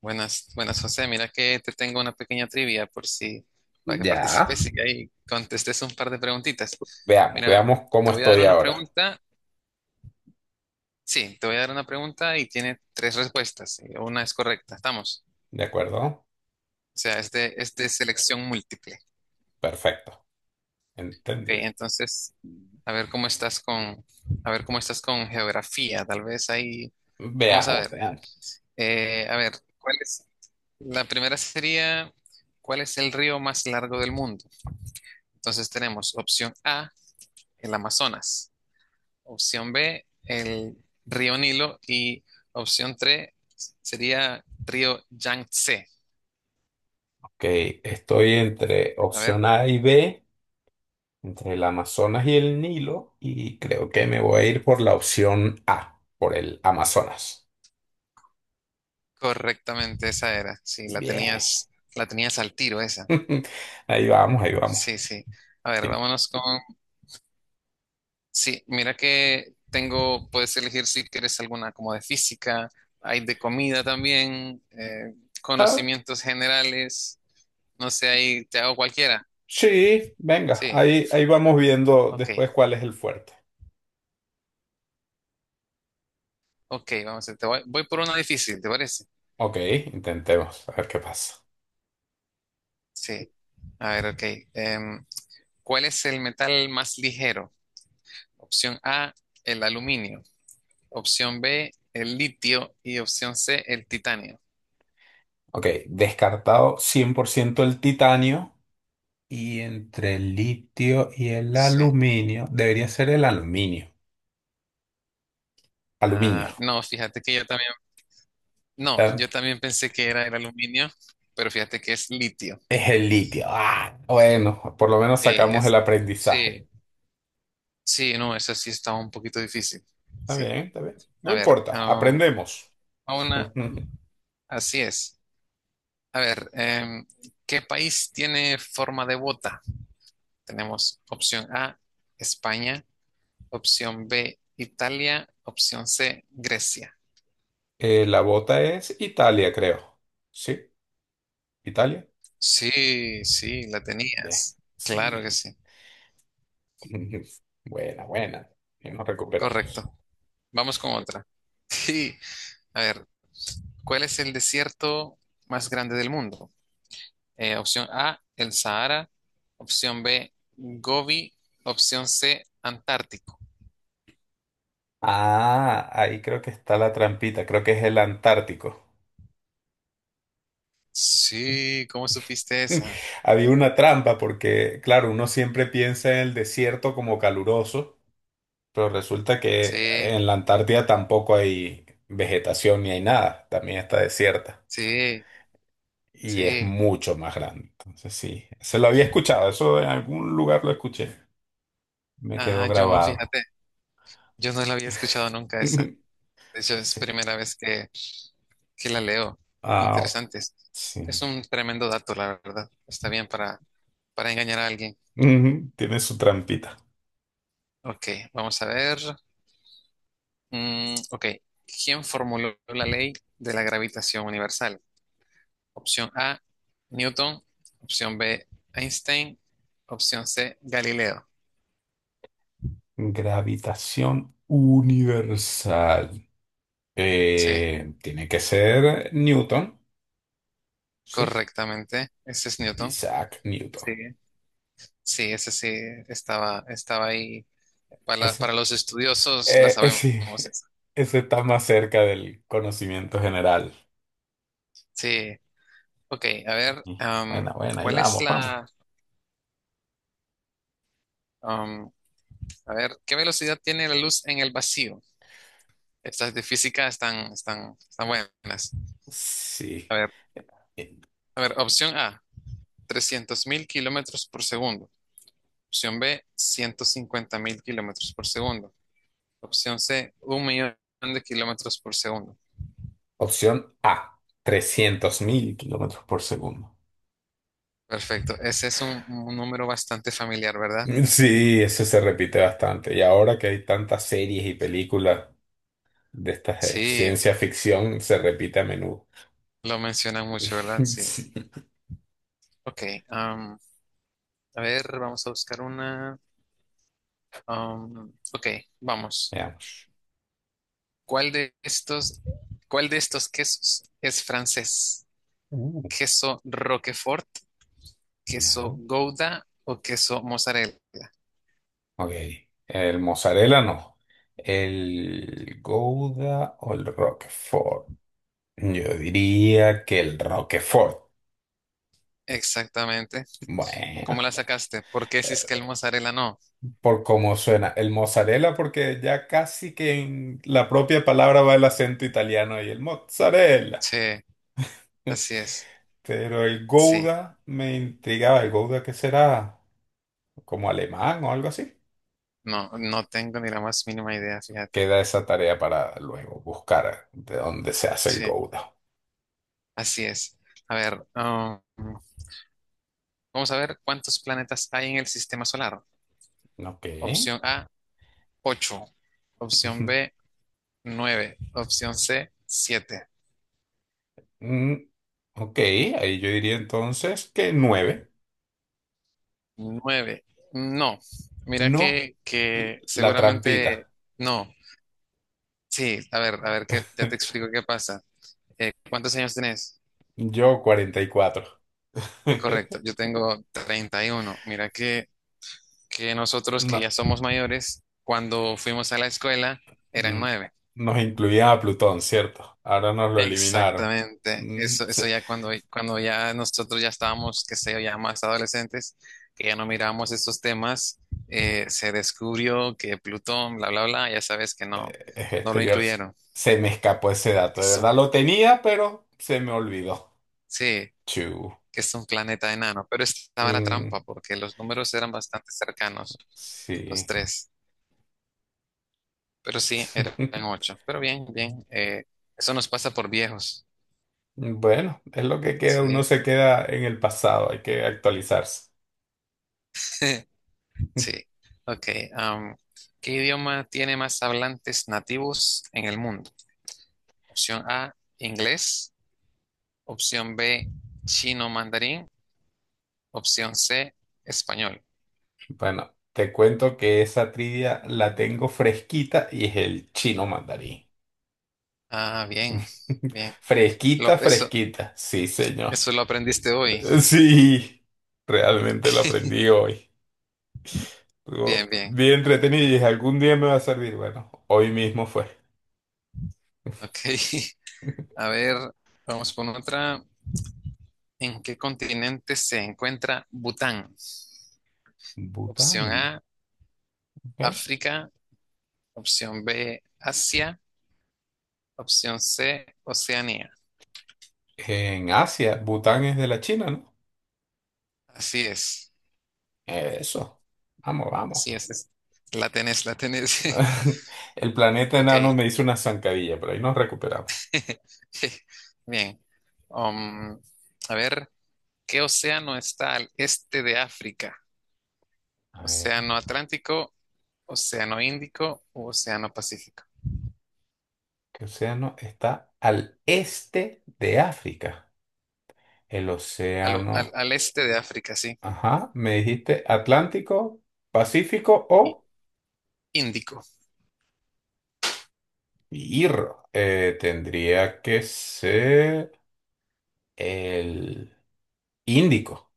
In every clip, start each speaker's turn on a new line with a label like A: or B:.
A: Buenas, buenas, José. Mira que te tengo una pequeña trivia por si, para que
B: Ya.
A: participes y ahí contestes un par de preguntitas.
B: Veamos,
A: Mira,
B: veamos cómo
A: te voy a dar
B: estoy
A: una
B: ahora.
A: pregunta. Sí, te voy a dar una pregunta y tiene tres respuestas. Y una es correcta, estamos.
B: ¿De acuerdo?
A: O sea, es de selección múltiple.
B: Perfecto.
A: Ok,
B: Entendido.
A: entonces, a ver cómo estás con, a ver cómo estás con geografía. Tal vez ahí, vamos a
B: Veamos,
A: ver.
B: veamos.
A: A ver, ¿cuál es? La primera sería, ¿cuál es el río más largo del mundo? Entonces tenemos opción A, el Amazonas, opción B, el río Nilo y opción 3 sería río Yangtze.
B: Ok, estoy entre
A: A ver,
B: opción A y B, entre el Amazonas y el Nilo, y creo que me voy a ir por la opción A, por el Amazonas.
A: correctamente esa era. Sí,
B: Bien.
A: la tenías al tiro esa.
B: Ahí vamos, ahí vamos.
A: Sí, sí. A ver, Sí, mira que tengo, puedes elegir si quieres alguna como de física, hay de comida también,
B: Ah,
A: conocimientos generales, no sé, ahí te hago cualquiera.
B: sí, venga,
A: Sí,
B: ahí, ahí vamos viendo
A: ok.
B: después cuál es el fuerte.
A: Ok, vamos a ver, voy por una difícil, ¿te parece?
B: Ok, intentemos, a ver qué pasa.
A: Sí, a ver, ok. Em, ¿Cuál es el metal más ligero? Opción A, el aluminio. Opción B, el litio. Y opción C, el titanio.
B: Ok, descartado 100% el titanio. Y entre el litio y el
A: Sí.
B: aluminio, debería ser el aluminio. Aluminio.
A: Ah, no, fíjate que yo también, no, yo
B: ¿Eh?
A: también pensé que era el aluminio, pero fíjate que es litio.
B: Es el litio. Ah, bueno, por lo menos
A: Sí,
B: sacamos el aprendizaje.
A: sí, sí, no, esa sí estaba un poquito difícil.
B: Está bien,
A: Sí.
B: está bien. No
A: A ver,
B: importa, aprendemos.
A: a una, así es. A ver, ¿qué país tiene forma de bota? Tenemos opción A, España, opción B, Italia, opción C, Grecia.
B: La bota es Italia, creo. ¿Sí? ¿Italia?
A: Sí, sí, la
B: Bien.
A: tenías. Claro
B: Sí.
A: que sí.
B: Buena, buena. Y nos recuperamos.
A: Correcto. Vamos con otra. Sí. A ver, ¿cuál es el desierto más grande del mundo? Opción A, el Sahara. Opción B, Gobi. Opción C, Antártico.
B: Ah, ahí creo que está la trampita. Creo que es el Antártico.
A: Sí, ¿cómo supiste esa?
B: Había una trampa porque, claro, uno siempre piensa en el desierto como caluroso, pero resulta que
A: Sí.
B: en la Antártida tampoco hay vegetación ni hay nada, también está desierta
A: Sí,
B: y es
A: sí.
B: mucho más grande. Entonces sí, se lo había escuchado, eso en algún lugar lo escuché, me quedó
A: Ah, yo no,
B: grabado.
A: fíjate, yo no la había escuchado nunca esa. De hecho, es
B: Sí,
A: primera vez que la leo.
B: ah, bueno,
A: Interesante. Es
B: sí.
A: es un tremendo dato, la verdad. Está bien para engañar a alguien.
B: Ujú, tiene su trampita.
A: Ok, vamos a ver. Ok, ¿quién formuló la ley de la gravitación universal? Opción A, Newton. Opción B, Einstein. Opción C, Galileo.
B: Gravitación universal.
A: Sí,
B: Tiene que ser Newton. Sí.
A: correctamente. Ese es Newton.
B: Isaac Newton.
A: Sí. Sí, ese sí estaba ahí. Para
B: Ese.
A: los estudiosos la sabemos.
B: Sí.
A: Esa.
B: Ese está más cerca del conocimiento general.
A: Sí, ok, a ver,
B: Mm. Buena, buena, ahí
A: ¿cuál es
B: vamos, vamos.
A: la... am, a ver, ¿qué velocidad tiene la luz en el vacío? Estas de física están buenas.
B: Sí.
A: A ver,
B: Eh,
A: a ver, opción A, 300.000 kilómetros por segundo. Opción B, 150.000 kilómetros por segundo. Opción C, 1 millón de kilómetros por segundo.
B: Opción A, 300.000 kilómetros por segundo.
A: Perfecto, ese es un número bastante familiar, ¿verdad?
B: Mm, sí, eso se repite bastante. Y ahora que hay tantas series y películas de estas de
A: Sí,
B: ciencia ficción, se repite a menudo.
A: lo mencionan mucho, ¿verdad? Sí.
B: Sí.
A: Ok. am, a ver, vamos a buscar una. Ok, vamos.
B: Veamos.
A: ¿Cuál de estos, cuál de estos quesos es francés?
B: Uh,
A: ¿Queso Roquefort, queso
B: ya.
A: Gouda o queso mozzarella?
B: Ok. El mozzarella no. El Gouda o el Roquefort. Yo diría que el Roquefort.
A: Exactamente.
B: Bueno,
A: ¿Cómo la sacaste? ¿Por qué si es que el
B: eh,
A: mozzarella no?
B: por cómo suena. El mozzarella, porque ya casi que en la propia palabra va el acento italiano y el mozzarella.
A: Sí, así es.
B: Pero el
A: Sí.
B: Gouda me intrigaba. ¿El Gouda qué será? ¿Como alemán o algo así?
A: No, no tengo ni la más mínima idea, fíjate.
B: Queda esa tarea para luego buscar de dónde se hace el
A: Sí,
B: Gouda.
A: así es. A ver, vamos a ver cuántos planetas hay en el sistema solar.
B: Ok.
A: Opción A, 8. Opción B, 9. Opción C, siete.
B: Mm, ok, ahí yo diría entonces que nueve.
A: Nueve, no. Mira
B: No,
A: que, que
B: la trampita.
A: seguramente no. Sí, a ver, que ya te explico qué pasa. ¿Cuántos años tenés?
B: Yo 44.
A: Correcto, yo tengo 31. Mira que nosotros que ya
B: No,
A: somos mayores, cuando fuimos a la escuela eran
B: mm,
A: 9.
B: nos incluían a Plutón, ¿cierto? Ahora nos lo eliminaron.
A: Exactamente,
B: Mm,
A: eso ya cuando ya nosotros ya estábamos, qué sé yo, ya más adolescentes, que ya no miramos estos temas, se descubrió que Plutón, bla, bla, bla, ya sabes que no,
B: es
A: no lo
B: exterior.
A: incluyeron,
B: Se me escapó ese dato.
A: que
B: De
A: es
B: verdad
A: un,
B: lo tenía, pero se me olvidó.
A: sí,
B: Chu.
A: que es un planeta enano, pero estaba la trampa
B: Mm,
A: porque los números eran bastante cercanos, los
B: sí.
A: tres, pero sí, eran ocho, pero bien, bien, eso nos pasa por viejos,
B: Bueno, es lo que queda. Uno
A: sí.
B: se queda en el pasado. Hay que actualizarse.
A: Sí. Ok. am, ¿Qué idioma tiene más hablantes nativos en el mundo? Opción A, inglés. Opción B, chino mandarín. Opción C, español.
B: Bueno, te cuento que esa trivia la tengo fresquita y es el chino mandarín.
A: Ah, bien, bien. Lo-
B: Fresquita,
A: eso,
B: fresquita. Sí, señor.
A: eso lo aprendiste hoy.
B: Sí, realmente lo aprendí hoy. Estuvo
A: Bien, bien.
B: bien entretenido y dije, algún día me va a servir. Bueno, hoy mismo fue.
A: Ok. A ver, vamos con otra. ¿En qué continente se encuentra Bután? Opción
B: Bután,
A: A,
B: ¿ok?
A: África. Opción B, Asia. Opción C, Oceanía.
B: En Asia, Bután es de la China, ¿no?
A: Así es,
B: Eso. Vamos, vamos.
A: así es. La tenés, la tenés.
B: El planeta enano
A: Ok.
B: me hizo una zancadilla, pero ahí nos recuperamos.
A: Bien. Um, a ver, ¿qué océano está al este de África?
B: A ver.
A: ¿Océano Atlántico, Océano Índico o Océano Pacífico?
B: ¿Qué océano está al este de África? El
A: Al, al-
B: océano,
A: al este de África, sí.
B: ajá, me dijiste Atlántico, Pacífico
A: Y-
B: o
A: Índico.
B: Irro. Tendría que ser el Índico.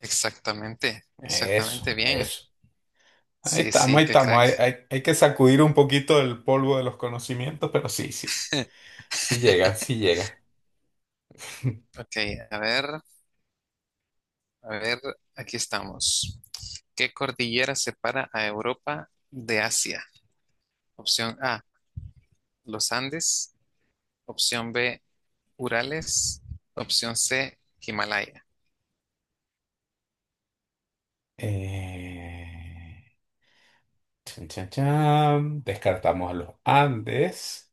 A: Exactamente,
B: Eso,
A: exactamente bien.
B: eso. Ahí
A: Sí,
B: estamos,
A: sí,
B: ahí
A: qué
B: estamos.
A: crack.
B: Hay que sacudir un poquito el polvo de los conocimientos, pero sí, sí. Sí llega, sí llega.
A: Ok, a ver, a ver, aquí estamos. ¿Qué cordillera separa a Europa de Asia? Opción A, los Andes. Opción B, Urales. Opción C, Himalaya.
B: Eh, chan, chan, chan. Descartamos a los Andes.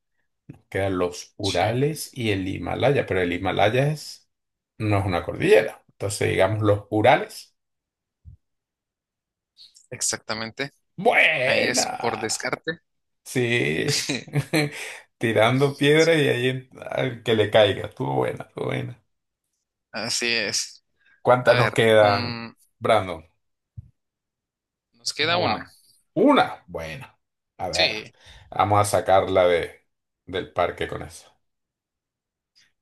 B: Quedan los
A: Sí,
B: Urales y el Himalaya, pero el Himalaya es, no es una cordillera. Entonces, digamos los Urales.
A: exactamente. Ahí es por
B: Buena.
A: descarte.
B: Sí. Tirando piedra y ahí al que le caiga. Estuvo buena, estuvo buena.
A: Así es. A
B: ¿Cuántas nos
A: ver,
B: quedan, Brandon?
A: nos queda
B: ¿Cómo
A: una.
B: vamos? Una. Buena. A ver,
A: Sí,
B: vamos a sacarla de, del parque con eso.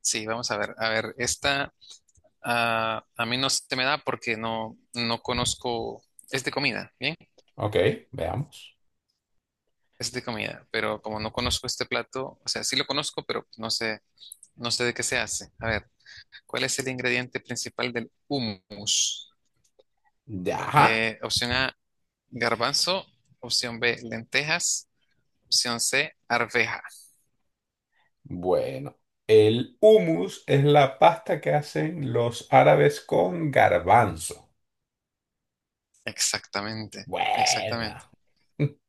A: sí, vamos a ver. A ver, a mí no se me da porque no, no conozco. Es de comida, ¿bien?
B: Ok, veamos.
A: Es de comida, pero como no conozco este plato, o sea, sí lo conozco, pero no sé de qué se hace. A ver, ¿cuál es el ingrediente principal del hummus?
B: Ya.
A: Opción A, garbanzo. Opción B, lentejas. Opción C, arveja.
B: Bueno, el hummus es la pasta que hacen los árabes con garbanzo.
A: Exactamente, exactamente.
B: Buena.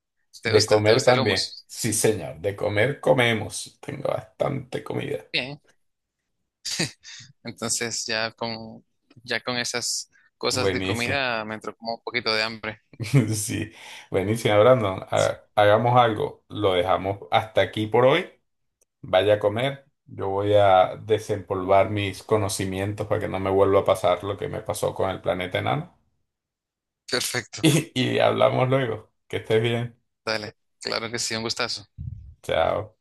A: ¿Te
B: De
A: gusta? ¿Te
B: comer
A: gusta el
B: también.
A: hummus?
B: Sí, señor, de comer comemos. Tengo bastante comida.
A: Bien. Entonces ya con esas cosas de
B: Buenísimo.
A: comida me entró como un poquito de hambre.
B: Sí, buenísimo, Brandon.
A: Sí,
B: Hagamos algo. Lo dejamos hasta aquí por hoy. Vaya a comer. Yo voy a desempolvar mis conocimientos para que no me vuelva a pasar lo que me pasó con el planeta enano.
A: perfecto.
B: Hablamos luego. Que estés bien.
A: Dale. Claro que sí, un gustazo.
B: Chao.